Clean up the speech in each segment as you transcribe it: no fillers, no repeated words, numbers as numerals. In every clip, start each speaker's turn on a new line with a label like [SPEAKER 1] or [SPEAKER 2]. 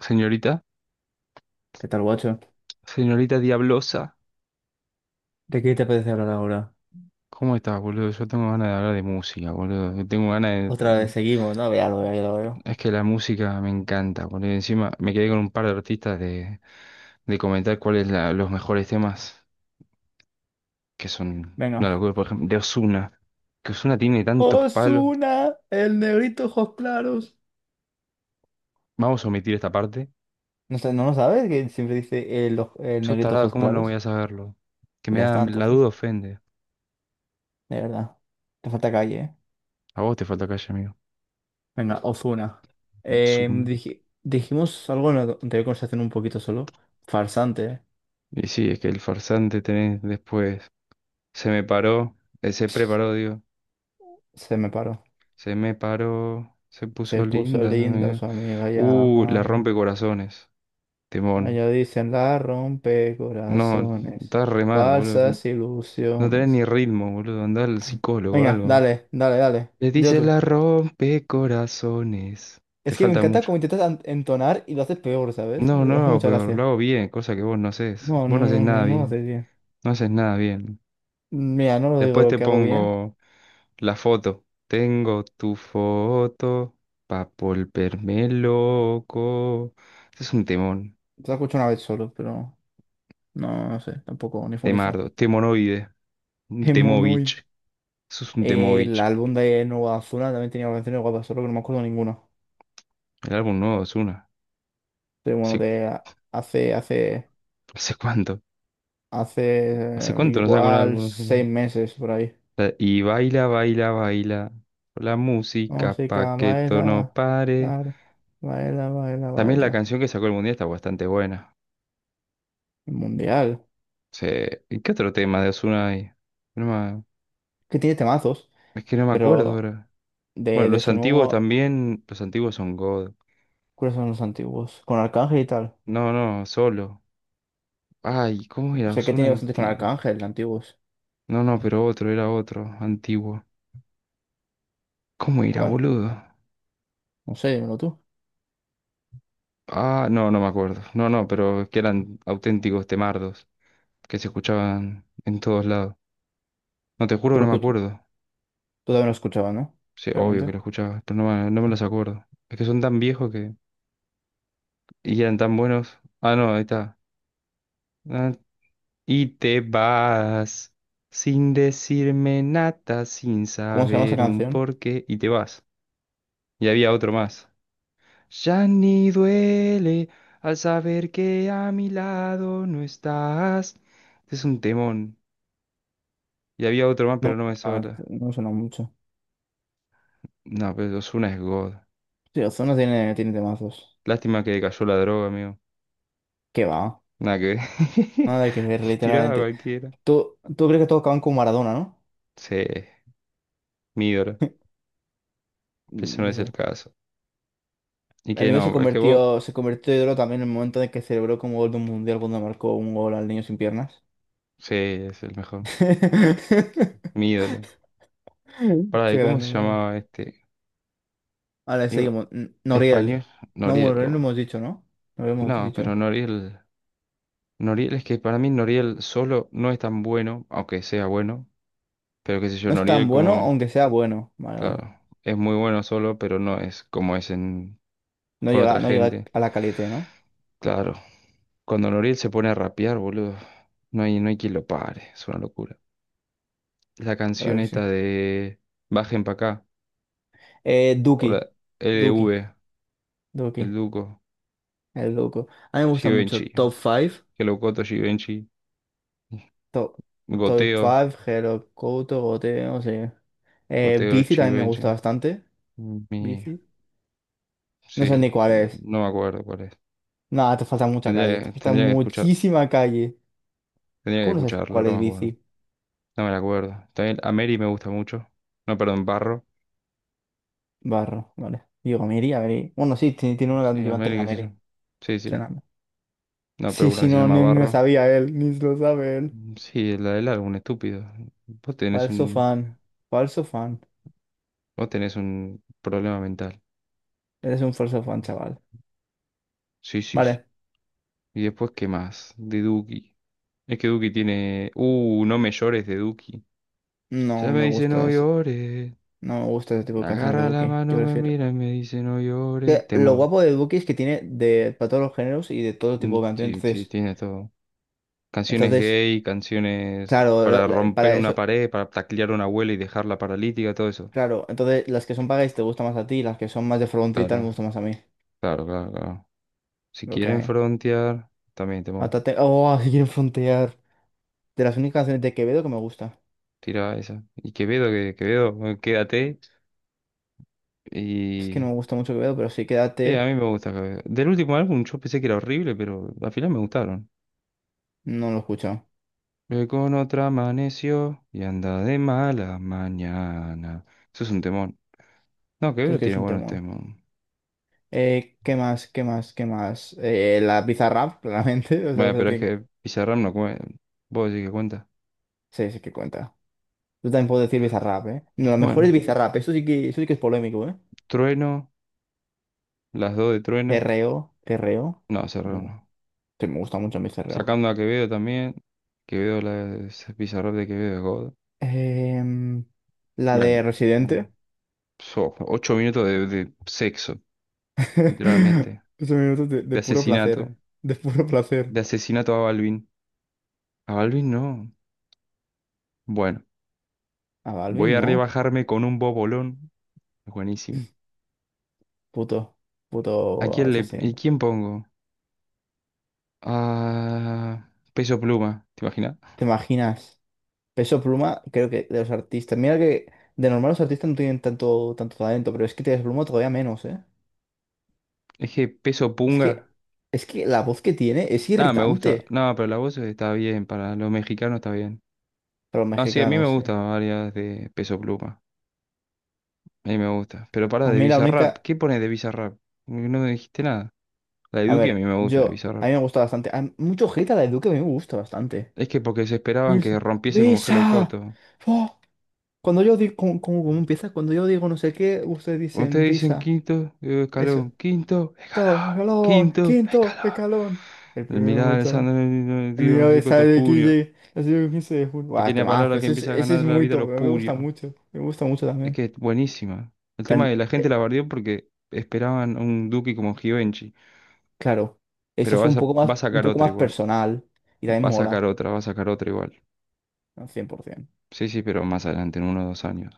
[SPEAKER 1] Señorita,
[SPEAKER 2] ¿Qué tal, guacho?
[SPEAKER 1] señorita Diablosa,
[SPEAKER 2] ¿De qué te apetece hablar ahora?
[SPEAKER 1] ¿cómo estás, boludo? Yo tengo ganas de hablar de música, boludo. Yo tengo ganas
[SPEAKER 2] Otra
[SPEAKER 1] de...
[SPEAKER 2] vez seguimos, ¿no? Ya lo veo, ya lo veo.
[SPEAKER 1] Es que la música me encanta, boludo. Y encima me quedé con un par de artistas de comentar cuáles son los mejores temas, que son una
[SPEAKER 2] Venga.
[SPEAKER 1] locura, por ejemplo, de Ozuna. Que Ozuna tiene tantos palos.
[SPEAKER 2] Osuna, el negrito ojos claros.
[SPEAKER 1] Vamos a omitir esta parte.
[SPEAKER 2] No sé, ¿no lo sabes? Que siempre dice el, el
[SPEAKER 1] Sos
[SPEAKER 2] negrito
[SPEAKER 1] tarado,
[SPEAKER 2] ojos
[SPEAKER 1] ¿cómo no voy
[SPEAKER 2] claros.
[SPEAKER 1] a saberlo? Que me
[SPEAKER 2] Pues ya
[SPEAKER 1] da...
[SPEAKER 2] está,
[SPEAKER 1] La duda
[SPEAKER 2] entonces.
[SPEAKER 1] ofende.
[SPEAKER 2] De verdad. Te falta calle, ¿eh?
[SPEAKER 1] A vos te falta calle, amigo.
[SPEAKER 2] Venga, Ozuna.
[SPEAKER 1] Ozuna.
[SPEAKER 2] Dijimos algo en la anterior conversación un poquito solo. Farsante, ¿eh?
[SPEAKER 1] Y sí, es que el farsante tenés después... Se me paró, se preparó, digo.
[SPEAKER 2] Se me paró.
[SPEAKER 1] Se me paró, se puso
[SPEAKER 2] Se puso
[SPEAKER 1] linda
[SPEAKER 2] linda,
[SPEAKER 1] también.
[SPEAKER 2] su amiga ya la
[SPEAKER 1] La
[SPEAKER 2] amaba.
[SPEAKER 1] rompe corazones, Timón.
[SPEAKER 2] Allá dicen la rompe
[SPEAKER 1] No,
[SPEAKER 2] corazones,
[SPEAKER 1] estás re mal, boludo.
[SPEAKER 2] falsas
[SPEAKER 1] No tenés ni
[SPEAKER 2] ilusiones.
[SPEAKER 1] ritmo, boludo. Andá al psicólogo o
[SPEAKER 2] Venga,
[SPEAKER 1] algo.
[SPEAKER 2] dale, dale, dale.
[SPEAKER 1] Le
[SPEAKER 2] Dilo
[SPEAKER 1] dice
[SPEAKER 2] tú.
[SPEAKER 1] la rompe corazones. Te
[SPEAKER 2] Es que me
[SPEAKER 1] falta
[SPEAKER 2] encanta
[SPEAKER 1] mucho.
[SPEAKER 2] cómo intentas entonar y lo haces peor, ¿sabes?
[SPEAKER 1] No, no
[SPEAKER 2] Me
[SPEAKER 1] lo
[SPEAKER 2] hace
[SPEAKER 1] hago
[SPEAKER 2] mucha
[SPEAKER 1] peor, lo
[SPEAKER 2] gracia.
[SPEAKER 1] hago bien, cosa que vos no haces.
[SPEAKER 2] No,
[SPEAKER 1] Vos
[SPEAKER 2] no,
[SPEAKER 1] no haces
[SPEAKER 2] no, no,
[SPEAKER 1] nada
[SPEAKER 2] no lo
[SPEAKER 1] bien.
[SPEAKER 2] haces bien.
[SPEAKER 1] No haces nada bien.
[SPEAKER 2] Mira, no lo digo
[SPEAKER 1] Después
[SPEAKER 2] lo
[SPEAKER 1] te
[SPEAKER 2] que hago bien.
[SPEAKER 1] pongo la foto. Tengo tu foto pa' volverme loco. Ese es un temón.
[SPEAKER 2] Te lo escucho una vez solo, pero no, no sé, tampoco, ni fu ni fa.
[SPEAKER 1] Temardo, Temonoide, un
[SPEAKER 2] Monoid.
[SPEAKER 1] Temovich. Eso es un
[SPEAKER 2] El
[SPEAKER 1] Temovich.
[SPEAKER 2] álbum de Nueva Azul también tenía canciones guapas, solo que no me acuerdo ninguna.
[SPEAKER 1] El álbum nuevo es una.
[SPEAKER 2] Pero bueno,
[SPEAKER 1] ¿Hace,
[SPEAKER 2] de hace, hace,
[SPEAKER 1] hace cuánto?
[SPEAKER 2] hace
[SPEAKER 1] ¿Hace cuánto no saca un
[SPEAKER 2] igual
[SPEAKER 1] álbum? ¿Ozuna?
[SPEAKER 2] 6 meses por ahí.
[SPEAKER 1] La- Y baila, baila, baila. La música pa'
[SPEAKER 2] Música,
[SPEAKER 1] que esto no
[SPEAKER 2] baila,
[SPEAKER 1] pare.
[SPEAKER 2] baila, baila, baila,
[SPEAKER 1] También la
[SPEAKER 2] baila.
[SPEAKER 1] canción que sacó el Mundial está bastante buena.
[SPEAKER 2] El mundial.
[SPEAKER 1] Se- ¿Y qué otro tema de Ozuna hay? No me-
[SPEAKER 2] Que tiene temazos,
[SPEAKER 1] es que no me acuerdo
[SPEAKER 2] pero
[SPEAKER 1] ahora. Bueno,
[SPEAKER 2] de
[SPEAKER 1] los
[SPEAKER 2] su
[SPEAKER 1] antiguos
[SPEAKER 2] nuevo,
[SPEAKER 1] también. Los antiguos son God.
[SPEAKER 2] ¿cuáles son los antiguos? Con Arcángel y tal.
[SPEAKER 1] No, no, solo. Ay, ¿cómo era
[SPEAKER 2] Sé que
[SPEAKER 1] Ozuna
[SPEAKER 2] tiene bastante con
[SPEAKER 1] antiguo?
[SPEAKER 2] Arcángel, antiguos.
[SPEAKER 1] No, no, pero otro, era otro, antiguo. ¿Cómo era,
[SPEAKER 2] ¿Cuál?
[SPEAKER 1] boludo?
[SPEAKER 2] No sé, dímelo tú.
[SPEAKER 1] Ah, no, no me acuerdo. No, no, pero que eran auténticos temardos, que se escuchaban en todos lados. No, te juro que
[SPEAKER 2] Tú, lo
[SPEAKER 1] no me
[SPEAKER 2] escuch-
[SPEAKER 1] acuerdo.
[SPEAKER 2] tú también lo escuchabas, ¿no?
[SPEAKER 1] Sí, obvio que
[SPEAKER 2] Realmente.
[SPEAKER 1] lo escuchaba, pero no me los acuerdo. Es que son tan viejos que... y eran tan buenos. Ah, no, ahí está. Ah, y te vas sin decirme nada, sin
[SPEAKER 2] ¿Cómo se llama esa
[SPEAKER 1] saber un
[SPEAKER 2] canción?
[SPEAKER 1] porqué, y te vas. Y había otro más. Ya ni duele al saber que a mi lado no estás. Este es un temón. Y había otro más,
[SPEAKER 2] No,
[SPEAKER 1] pero no me
[SPEAKER 2] ah,
[SPEAKER 1] sobra.
[SPEAKER 2] no me suena mucho.
[SPEAKER 1] No, pero Ozuna es God.
[SPEAKER 2] Sí, Ozuna tiene temazos.
[SPEAKER 1] Lástima que cayó la droga, amigo.
[SPEAKER 2] ¿Qué va?
[SPEAKER 1] Nada que ver.
[SPEAKER 2] Nada que ver,
[SPEAKER 1] Tiraba a
[SPEAKER 2] literalmente.
[SPEAKER 1] cualquiera.
[SPEAKER 2] Tú crees que todos acaban con Maradona, ¿no?
[SPEAKER 1] Sí, mi ídolo. Pero ese
[SPEAKER 2] Mm,
[SPEAKER 1] no
[SPEAKER 2] yo
[SPEAKER 1] es el
[SPEAKER 2] sé.
[SPEAKER 1] caso. Y
[SPEAKER 2] El
[SPEAKER 1] que
[SPEAKER 2] mío se
[SPEAKER 1] no, es que vos,
[SPEAKER 2] convirtió, se convirtió en ídolo también en el momento en que celebró como gol de un mundial cuando marcó un gol al niño sin piernas.
[SPEAKER 1] sí, es el mejor. Mi ídolo. Pará,
[SPEAKER 2] Qué
[SPEAKER 1] ¿y cómo
[SPEAKER 2] grande,
[SPEAKER 1] se
[SPEAKER 2] bro.
[SPEAKER 1] llamaba este?
[SPEAKER 2] Vale,
[SPEAKER 1] Iba-
[SPEAKER 2] seguimos. Noriel.
[SPEAKER 1] Español,
[SPEAKER 2] No, bueno,
[SPEAKER 1] Noriel.
[SPEAKER 2] Noriel no
[SPEAKER 1] O-
[SPEAKER 2] hemos dicho, ¿no? No lo hemos
[SPEAKER 1] No, pero
[SPEAKER 2] dicho.
[SPEAKER 1] Noriel. Noriel, es que para mí Noriel solo no es tan bueno, aunque sea bueno, pero qué sé yo,
[SPEAKER 2] No es tan
[SPEAKER 1] Noriel
[SPEAKER 2] bueno,
[SPEAKER 1] como,
[SPEAKER 2] aunque sea bueno. Vale, vale.
[SPEAKER 1] claro, es muy bueno solo, pero no es como es en,
[SPEAKER 2] No
[SPEAKER 1] con otra
[SPEAKER 2] llega, no llega
[SPEAKER 1] gente.
[SPEAKER 2] a la calité, ¿no?
[SPEAKER 1] Claro, cuando Noriel se pone a rapear, boludo, no hay quien lo pare, es una locura. La
[SPEAKER 2] ¿Verdad
[SPEAKER 1] canción
[SPEAKER 2] que sí?
[SPEAKER 1] esta de Bajen pa' acá, o
[SPEAKER 2] Duki.
[SPEAKER 1] la L
[SPEAKER 2] Duki.
[SPEAKER 1] V.
[SPEAKER 2] Duki.
[SPEAKER 1] El Duco,
[SPEAKER 2] El loco. A mí me gusta mucho
[SPEAKER 1] Givenchy,
[SPEAKER 2] Top 5.
[SPEAKER 1] que locoto Givenchy,
[SPEAKER 2] Top, top
[SPEAKER 1] Goteo,
[SPEAKER 2] 5, Hero, Couto, Goteo, no sé.
[SPEAKER 1] Goteo
[SPEAKER 2] Bici también me gusta
[SPEAKER 1] Givenchy,
[SPEAKER 2] bastante.
[SPEAKER 1] mi...
[SPEAKER 2] Bici. No sé ni
[SPEAKER 1] Sí,
[SPEAKER 2] cuál
[SPEAKER 1] no,
[SPEAKER 2] es.
[SPEAKER 1] no me acuerdo cuál es.
[SPEAKER 2] Nada, te falta mucha calle.
[SPEAKER 1] Tendría
[SPEAKER 2] Te
[SPEAKER 1] que,
[SPEAKER 2] falta
[SPEAKER 1] tendría que escuchar.
[SPEAKER 2] muchísima calle.
[SPEAKER 1] Tendría que
[SPEAKER 2] ¿Cómo no sabes
[SPEAKER 1] escucharla,
[SPEAKER 2] cuál
[SPEAKER 1] no me
[SPEAKER 2] es
[SPEAKER 1] acuerdo.
[SPEAKER 2] bici?
[SPEAKER 1] No me la acuerdo. También a Mary me gusta mucho. No, perdón, Barro.
[SPEAKER 2] Barro, vale. Digo, me iría, me bueno, sí, tiene una
[SPEAKER 1] Sí,
[SPEAKER 2] donde
[SPEAKER 1] a
[SPEAKER 2] lleva
[SPEAKER 1] Mary, qué sé yo.
[SPEAKER 2] entrenamiento.
[SPEAKER 1] Sí, sí.
[SPEAKER 2] Entrenamiento.
[SPEAKER 1] No, pero
[SPEAKER 2] Sí,
[SPEAKER 1] una que
[SPEAKER 2] sí,
[SPEAKER 1] se
[SPEAKER 2] no,
[SPEAKER 1] llama
[SPEAKER 2] ni lo
[SPEAKER 1] Barro.
[SPEAKER 2] sabía él, ni lo sabe él.
[SPEAKER 1] Mm, sí, la del álbum, estúpido. Vos tenés
[SPEAKER 2] Falso
[SPEAKER 1] un,
[SPEAKER 2] fan, falso fan.
[SPEAKER 1] vos tenés un problema mental.
[SPEAKER 2] Eres un falso fan, chaval.
[SPEAKER 1] Sí, sí, sí.
[SPEAKER 2] Vale.
[SPEAKER 1] Y después, ¿qué más? De Duki. Es que Duki tiene. No me llores de Duki. Ya
[SPEAKER 2] No
[SPEAKER 1] me
[SPEAKER 2] me
[SPEAKER 1] dice
[SPEAKER 2] gusta
[SPEAKER 1] no
[SPEAKER 2] ese,
[SPEAKER 1] llores.
[SPEAKER 2] no me gusta ese tipo de canciones de
[SPEAKER 1] Agarra la
[SPEAKER 2] Duki. Yo
[SPEAKER 1] mano, me
[SPEAKER 2] prefiero.
[SPEAKER 1] mira y me dice no llores.
[SPEAKER 2] Que lo
[SPEAKER 1] Temón.
[SPEAKER 2] guapo de Duki es que tiene de, para todos los géneros y de todo
[SPEAKER 1] Mm,
[SPEAKER 2] tipo de canciones.
[SPEAKER 1] sí, sí,
[SPEAKER 2] Entonces,
[SPEAKER 1] tiene todo. Canciones
[SPEAKER 2] entonces,
[SPEAKER 1] gay, canciones
[SPEAKER 2] claro,
[SPEAKER 1] para romper
[SPEAKER 2] para
[SPEAKER 1] una
[SPEAKER 2] eso.
[SPEAKER 1] pared, para taclear a una abuela y dejarla paralítica, todo eso.
[SPEAKER 2] Claro, entonces las que son pagáis te gustan más a ti, las que son más de frontera y tal me
[SPEAKER 1] Claro,
[SPEAKER 2] gustan más a mí.
[SPEAKER 1] claro, claro, claro. Si
[SPEAKER 2] Lo que
[SPEAKER 1] quieren
[SPEAKER 2] hay.
[SPEAKER 1] frontear, también, temón.
[SPEAKER 2] Mátate. Oh, si quieren frontear. De las únicas canciones de Quevedo que me gusta.
[SPEAKER 1] Tira esa. Y Quevedo, que Quevedo, bueno, quédate.
[SPEAKER 2] Es que no
[SPEAKER 1] Y.
[SPEAKER 2] me gusta mucho Quevedo, pero sí,
[SPEAKER 1] A
[SPEAKER 2] quédate.
[SPEAKER 1] mí me gusta Quevedo. Del último álbum yo pensé que era horrible, pero al final me gustaron.
[SPEAKER 2] No lo he escuchado.
[SPEAKER 1] Con otra amaneció y anda de mala mañana. Eso es un temón. No,
[SPEAKER 2] Tú es
[SPEAKER 1] Quevedo
[SPEAKER 2] que es
[SPEAKER 1] tiene
[SPEAKER 2] un
[SPEAKER 1] buenos
[SPEAKER 2] temón.
[SPEAKER 1] temas.
[SPEAKER 2] ¿Qué más? ¿Qué más? ¿Qué más? La Bizarrap, claramente. O sea,
[SPEAKER 1] Bueno,
[SPEAKER 2] eso
[SPEAKER 1] pero es
[SPEAKER 2] tiene-
[SPEAKER 1] que Pizarram no cuenta. ¿Vos decís que cuenta?
[SPEAKER 2] Sí, sí que cuenta. Yo también puedo decir Bizarrap, ¿eh? No, lo mejor es
[SPEAKER 1] Bueno.
[SPEAKER 2] Bizarrap. Eso sí que es polémico, ¿eh?
[SPEAKER 1] Trueno, las dos de Trueno.
[SPEAKER 2] Cerreo, cerreo.
[SPEAKER 1] No, Serrano
[SPEAKER 2] No,
[SPEAKER 1] no.
[SPEAKER 2] sí, me gusta mucho mi cerreo.
[SPEAKER 1] Sacando a Quevedo también. Quevedo, la ese pizarro de Quevedo es God.
[SPEAKER 2] Em, la de
[SPEAKER 1] Bueno,
[SPEAKER 2] Residente.
[SPEAKER 1] so, 8 minutos de sexo, literalmente.
[SPEAKER 2] 15 minutos de
[SPEAKER 1] De
[SPEAKER 2] puro placer.
[SPEAKER 1] asesinato.
[SPEAKER 2] De puro placer.
[SPEAKER 1] De asesinato a Balvin. A Balvin no. Bueno,
[SPEAKER 2] A
[SPEAKER 1] voy
[SPEAKER 2] Balvin,
[SPEAKER 1] a
[SPEAKER 2] no.
[SPEAKER 1] rebajarme con un bobolón. Buenísimo.
[SPEAKER 2] Puto.
[SPEAKER 1] ¿A quién
[SPEAKER 2] Puto
[SPEAKER 1] le... ¿Y
[SPEAKER 2] residente.
[SPEAKER 1] quién pongo? Ah, peso pluma, ¿te imaginas?
[SPEAKER 2] ¿Te imaginas? Peso Pluma, creo que de los artistas. Mira que de normal los artistas no tienen tanto talento, pero es que Peso Pluma todavía menos, ¿eh?
[SPEAKER 1] Es que peso
[SPEAKER 2] Es
[SPEAKER 1] punga.
[SPEAKER 2] que, es que la voz que tiene es
[SPEAKER 1] Ah, me gusta.
[SPEAKER 2] irritante
[SPEAKER 1] No, pero la voz está bien, para los mexicanos está bien.
[SPEAKER 2] para los
[SPEAKER 1] No sí, a mí me
[SPEAKER 2] mexicanos, ¿eh?
[SPEAKER 1] gustan varias de Peso Pluma. A mí me gusta. Pero pará,
[SPEAKER 2] A
[SPEAKER 1] de
[SPEAKER 2] mí la
[SPEAKER 1] Bizarrap.
[SPEAKER 2] única.
[SPEAKER 1] ¿Qué pones de Bizarrap? Porque no me dijiste nada. La de
[SPEAKER 2] A
[SPEAKER 1] Duki a mí
[SPEAKER 2] ver,
[SPEAKER 1] me gusta de
[SPEAKER 2] yo. A
[SPEAKER 1] Bizarrap.
[SPEAKER 2] mí me gusta bastante. Hay mucho hate a la de Duque, a mí me gusta bastante.
[SPEAKER 1] Es que porque se esperaban
[SPEAKER 2] Besa.
[SPEAKER 1] que rompiese como Hello
[SPEAKER 2] Besa.
[SPEAKER 1] Coto.
[SPEAKER 2] Cuando yo digo, ¿cómo empieza? Cuando yo digo no sé qué, ustedes
[SPEAKER 1] Cuando
[SPEAKER 2] dicen
[SPEAKER 1] ustedes dicen
[SPEAKER 2] visa.
[SPEAKER 1] quinto
[SPEAKER 2] Eso.
[SPEAKER 1] escalón, quinto
[SPEAKER 2] Todo,
[SPEAKER 1] escalón,
[SPEAKER 2] escalón,
[SPEAKER 1] quinto
[SPEAKER 2] quinto
[SPEAKER 1] escalón.
[SPEAKER 2] escalón. El
[SPEAKER 1] El
[SPEAKER 2] primero
[SPEAKER 1] mirar
[SPEAKER 2] botón.
[SPEAKER 1] Alessandro el
[SPEAKER 2] El
[SPEAKER 1] tiro, no
[SPEAKER 2] mío
[SPEAKER 1] sé
[SPEAKER 2] de sale
[SPEAKER 1] cuánto
[SPEAKER 2] de
[SPEAKER 1] junio.
[SPEAKER 2] Kille ha sido el 15 de junio. Guau,
[SPEAKER 1] Pequeña
[SPEAKER 2] temazo.
[SPEAKER 1] palabra que
[SPEAKER 2] Ese es,
[SPEAKER 1] empieza a
[SPEAKER 2] ese es
[SPEAKER 1] ganar la
[SPEAKER 2] muy
[SPEAKER 1] vida a
[SPEAKER 2] top.
[SPEAKER 1] los
[SPEAKER 2] Me gusta
[SPEAKER 1] purios.
[SPEAKER 2] mucho. Me gusta mucho
[SPEAKER 1] Es
[SPEAKER 2] también.
[SPEAKER 1] que es buenísima. El tema de
[SPEAKER 2] Tan-
[SPEAKER 1] la gente
[SPEAKER 2] eh,
[SPEAKER 1] la bardeó porque esperaban un Duki como Givenchy.
[SPEAKER 2] claro. Eso
[SPEAKER 1] Pero
[SPEAKER 2] fue
[SPEAKER 1] va a
[SPEAKER 2] un
[SPEAKER 1] sacar
[SPEAKER 2] poco
[SPEAKER 1] otro
[SPEAKER 2] más
[SPEAKER 1] igual.
[SPEAKER 2] personal. Y también
[SPEAKER 1] Va a sacar
[SPEAKER 2] mola.
[SPEAKER 1] otra, va a sacar otra igual.
[SPEAKER 2] Al 100%.
[SPEAKER 1] Sí, sí, pero más adelante, en 1 o 2 años.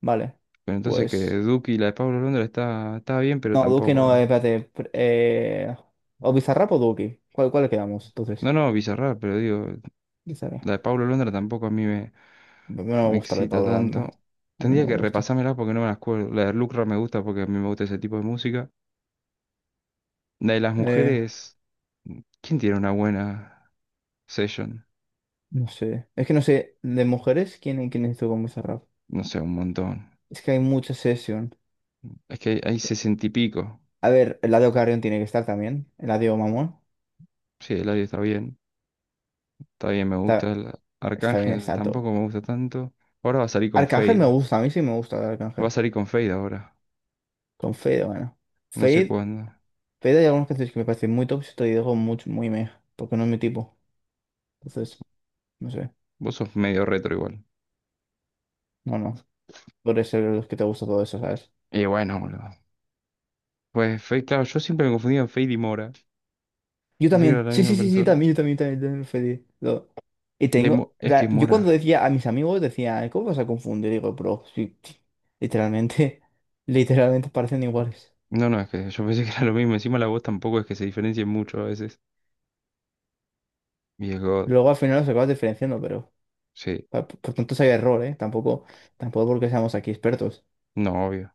[SPEAKER 2] Vale.
[SPEAKER 1] Pero entonces que
[SPEAKER 2] Pues.
[SPEAKER 1] Duki y la de Pablo Londra está bien, pero
[SPEAKER 2] No, Duki no,
[SPEAKER 1] tampoco.
[SPEAKER 2] espérate. ¿O Bizarrap o Duki? ¿Cuál le quedamos? Entonces.
[SPEAKER 1] No, no, Bizarrap, pero digo, la
[SPEAKER 2] Bizarrap.
[SPEAKER 1] de Pablo Londra tampoco a mí me,
[SPEAKER 2] No no me
[SPEAKER 1] me
[SPEAKER 2] gusta lo de
[SPEAKER 1] excita
[SPEAKER 2] Pablo Landa.
[SPEAKER 1] tanto.
[SPEAKER 2] A mí no
[SPEAKER 1] Tendría
[SPEAKER 2] me
[SPEAKER 1] que
[SPEAKER 2] gusta.
[SPEAKER 1] repasármela porque no me las acuerdo. La de Lucra me gusta porque a mí me gusta ese tipo de música. La de las
[SPEAKER 2] Eh,
[SPEAKER 1] mujeres, ¿quién tiene una buena session?
[SPEAKER 2] no sé. Es que no sé, de mujeres, ¿quién hizo con Bizarrap?
[SPEAKER 1] No sé, un montón.
[SPEAKER 2] Es que hay mucha sesión.
[SPEAKER 1] Es que hay 60 y pico.
[SPEAKER 2] A ver, Eladio Carrión tiene que estar también. Eladio Mamón.
[SPEAKER 1] Sí, el audio está bien. Está bien, me gusta.
[SPEAKER 2] Está,
[SPEAKER 1] El
[SPEAKER 2] está bien,
[SPEAKER 1] Arcángel
[SPEAKER 2] está top.
[SPEAKER 1] tampoco me gusta tanto. Ahora va a salir con
[SPEAKER 2] Arcángel me
[SPEAKER 1] Fade.
[SPEAKER 2] gusta, a mí sí me gusta el
[SPEAKER 1] Va a
[SPEAKER 2] Arcángel.
[SPEAKER 1] salir con Fade ahora.
[SPEAKER 2] Con Fade, bueno.
[SPEAKER 1] No sé
[SPEAKER 2] Fade,
[SPEAKER 1] cuándo.
[SPEAKER 2] Fade hay algunas canciones que me parecen muy top, si te digo muy, muy meh, porque no es mi tipo. Entonces, no sé.
[SPEAKER 1] Vos sos medio retro igual.
[SPEAKER 2] No, no. Por ser los que te gusta todo eso, ¿sabes?
[SPEAKER 1] Y bueno, boludo. Pues Fade, claro, yo siempre me confundía en Fade y Mora.
[SPEAKER 2] Yo
[SPEAKER 1] Pensé que era
[SPEAKER 2] también,
[SPEAKER 1] la
[SPEAKER 2] sí,
[SPEAKER 1] misma
[SPEAKER 2] sí, sí, sí,
[SPEAKER 1] persona.
[SPEAKER 2] también, yo también, también, también fue y
[SPEAKER 1] De
[SPEAKER 2] tengo,
[SPEAKER 1] Mo- es que
[SPEAKER 2] yo cuando
[SPEAKER 1] Mora.
[SPEAKER 2] decía a mis amigos, decía, ¿cómo vas a confundir? Digo, bro, sí, sí, literalmente, literalmente parecen iguales.
[SPEAKER 1] No, no, es que yo pensé que era lo mismo. Encima la voz tampoco es que se diferencie mucho a veces. Y es God.
[SPEAKER 2] Luego al final los acabas diferenciando, pero
[SPEAKER 1] Sí.
[SPEAKER 2] por, tanto si hay error, ¿eh? Tampoco porque seamos aquí expertos.
[SPEAKER 1] No, obvio.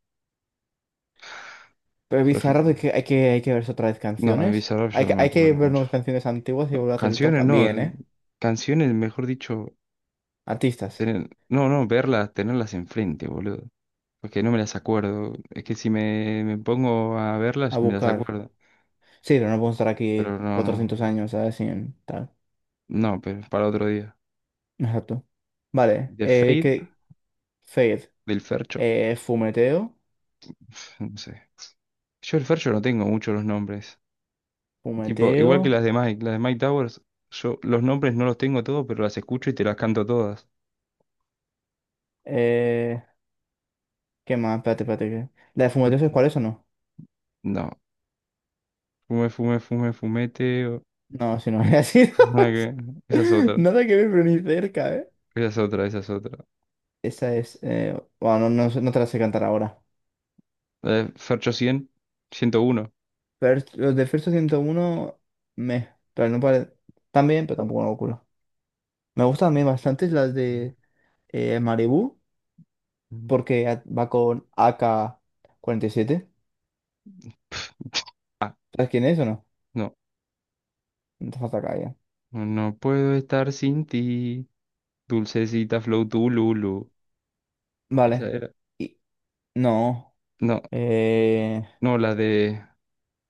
[SPEAKER 2] Pero
[SPEAKER 1] Por
[SPEAKER 2] bizarro
[SPEAKER 1] ejemplo,
[SPEAKER 2] de que hay que verse otra vez
[SPEAKER 1] no, de
[SPEAKER 2] canciones.
[SPEAKER 1] Bizarrap yo
[SPEAKER 2] Hay
[SPEAKER 1] no
[SPEAKER 2] que,
[SPEAKER 1] me
[SPEAKER 2] hay que
[SPEAKER 1] acuerdo mucho.
[SPEAKER 2] vernos canciones antiguas y volver a hacer el top
[SPEAKER 1] Canciones
[SPEAKER 2] bien,
[SPEAKER 1] no.
[SPEAKER 2] ¿eh?
[SPEAKER 1] Canciones, mejor dicho,
[SPEAKER 2] Artistas,
[SPEAKER 1] tener, no, no, verlas, tenerlas enfrente, boludo. Porque no me las acuerdo. Es que si me pongo a
[SPEAKER 2] a
[SPEAKER 1] verlas, me las
[SPEAKER 2] buscar.
[SPEAKER 1] acuerdo.
[SPEAKER 2] Sí, pero no podemos estar aquí
[SPEAKER 1] Pero no,
[SPEAKER 2] 400
[SPEAKER 1] no.
[SPEAKER 2] años, ¿sabes? Sin tal.
[SPEAKER 1] No, pero para otro día.
[SPEAKER 2] Exacto. Vale,
[SPEAKER 1] De Fade,
[SPEAKER 2] que Fade,
[SPEAKER 1] del Fercho.
[SPEAKER 2] fumeteo,
[SPEAKER 1] No sé. Yo el Fercho no tengo mucho los nombres. Tipo, igual que
[SPEAKER 2] fumeteo,
[SPEAKER 1] las de Mike. Las de Mike Towers, yo los nombres no los tengo todos, pero las escucho y te las canto todas.
[SPEAKER 2] eh, ¿qué más? Espérate, que- ¿La de fumeteo es
[SPEAKER 1] Yo-
[SPEAKER 2] cuál es o no?
[SPEAKER 1] no. Fume, fume, fume, fumete. O-
[SPEAKER 2] No, si no había sido
[SPEAKER 1] nada que- Esa es otra.
[SPEAKER 2] Nada que ver, pero ni cerca, ¿eh?
[SPEAKER 1] Esa es otra, esa es otra.
[SPEAKER 2] Esa es, bueno, no, no, no te la sé cantar ahora.
[SPEAKER 1] La de Fercho 100, 101.
[SPEAKER 2] Los de First 101 me, pero no pare... También, pero tampoco una locura. Me gustan a mí bastante las de Malibu, porque va con ak siete. ¿Sabes quién es o no?
[SPEAKER 1] No.
[SPEAKER 2] No te falta calle.
[SPEAKER 1] No puedo estar sin ti. Dulcecita Flow lulu. Esa
[SPEAKER 2] Vale.
[SPEAKER 1] era.
[SPEAKER 2] Y, no.
[SPEAKER 1] No,
[SPEAKER 2] Eh,
[SPEAKER 1] no, la de.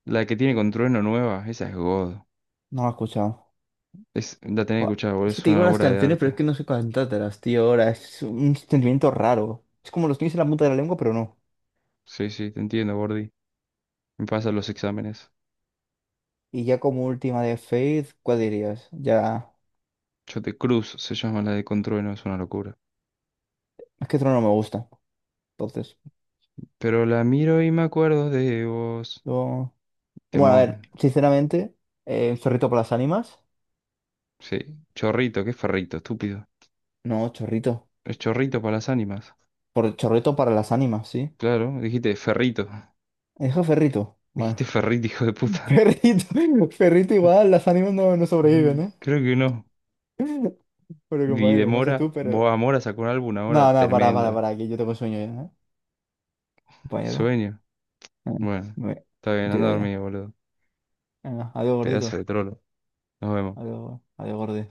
[SPEAKER 1] La que tiene con Trueno nueva, esa es God.
[SPEAKER 2] no lo he escuchado.
[SPEAKER 1] Es, la tenés que
[SPEAKER 2] Buah,
[SPEAKER 1] escuchar, boludo,
[SPEAKER 2] es que
[SPEAKER 1] es
[SPEAKER 2] te digo
[SPEAKER 1] una
[SPEAKER 2] las
[SPEAKER 1] obra de
[SPEAKER 2] canciones, pero es
[SPEAKER 1] arte.
[SPEAKER 2] que no sé cantártelas, tío. Ahora es un sentimiento raro. Es como los tienes en la punta de la lengua, pero no.
[SPEAKER 1] Sí, sí, te entiendo, Gordy. Me pasan los exámenes.
[SPEAKER 2] Y ya como última de Faith, ¿cuál dirías? Ya.
[SPEAKER 1] Yo te Cruz se llama la de con Trueno, es una locura.
[SPEAKER 2] Es que Trono no me gusta. Entonces.
[SPEAKER 1] Pero la miro y me acuerdo de vos.
[SPEAKER 2] yo- Bueno, a
[SPEAKER 1] Temón.
[SPEAKER 2] ver, sinceramente, chorrito para las ánimas.
[SPEAKER 1] Sí. Chorrito, ¿qué es ferrito, estúpido?
[SPEAKER 2] No, chorrito.
[SPEAKER 1] Es chorrito para las ánimas.
[SPEAKER 2] Por chorrito para las ánimas, sí.
[SPEAKER 1] Claro, dijiste ferrito.
[SPEAKER 2] Dijo ferrito.
[SPEAKER 1] Dijiste
[SPEAKER 2] Bueno.
[SPEAKER 1] ferrito, hijo de puta.
[SPEAKER 2] Ferrito. Ferrito igual, las ánimas no, no
[SPEAKER 1] Mm,
[SPEAKER 2] sobreviven,
[SPEAKER 1] Creo que no.
[SPEAKER 2] ¿eh? Bueno,
[SPEAKER 1] Y de
[SPEAKER 2] compañero, no sé
[SPEAKER 1] Mora,
[SPEAKER 2] tú, pero...
[SPEAKER 1] vos a Mora sacó un álbum ahora
[SPEAKER 2] No, no,
[SPEAKER 1] tremendo.
[SPEAKER 2] para, que yo tengo sueño ya, ¿eh? Compañero.
[SPEAKER 1] Sueño.
[SPEAKER 2] Eh,
[SPEAKER 1] Bueno,
[SPEAKER 2] Me
[SPEAKER 1] está bien, anda a
[SPEAKER 2] pido ya.
[SPEAKER 1] dormir, boludo.
[SPEAKER 2] Venga, adiós,
[SPEAKER 1] Pedazo
[SPEAKER 2] gordito.
[SPEAKER 1] de trolo. Nos vemos.
[SPEAKER 2] Adiós, adiós, gordi.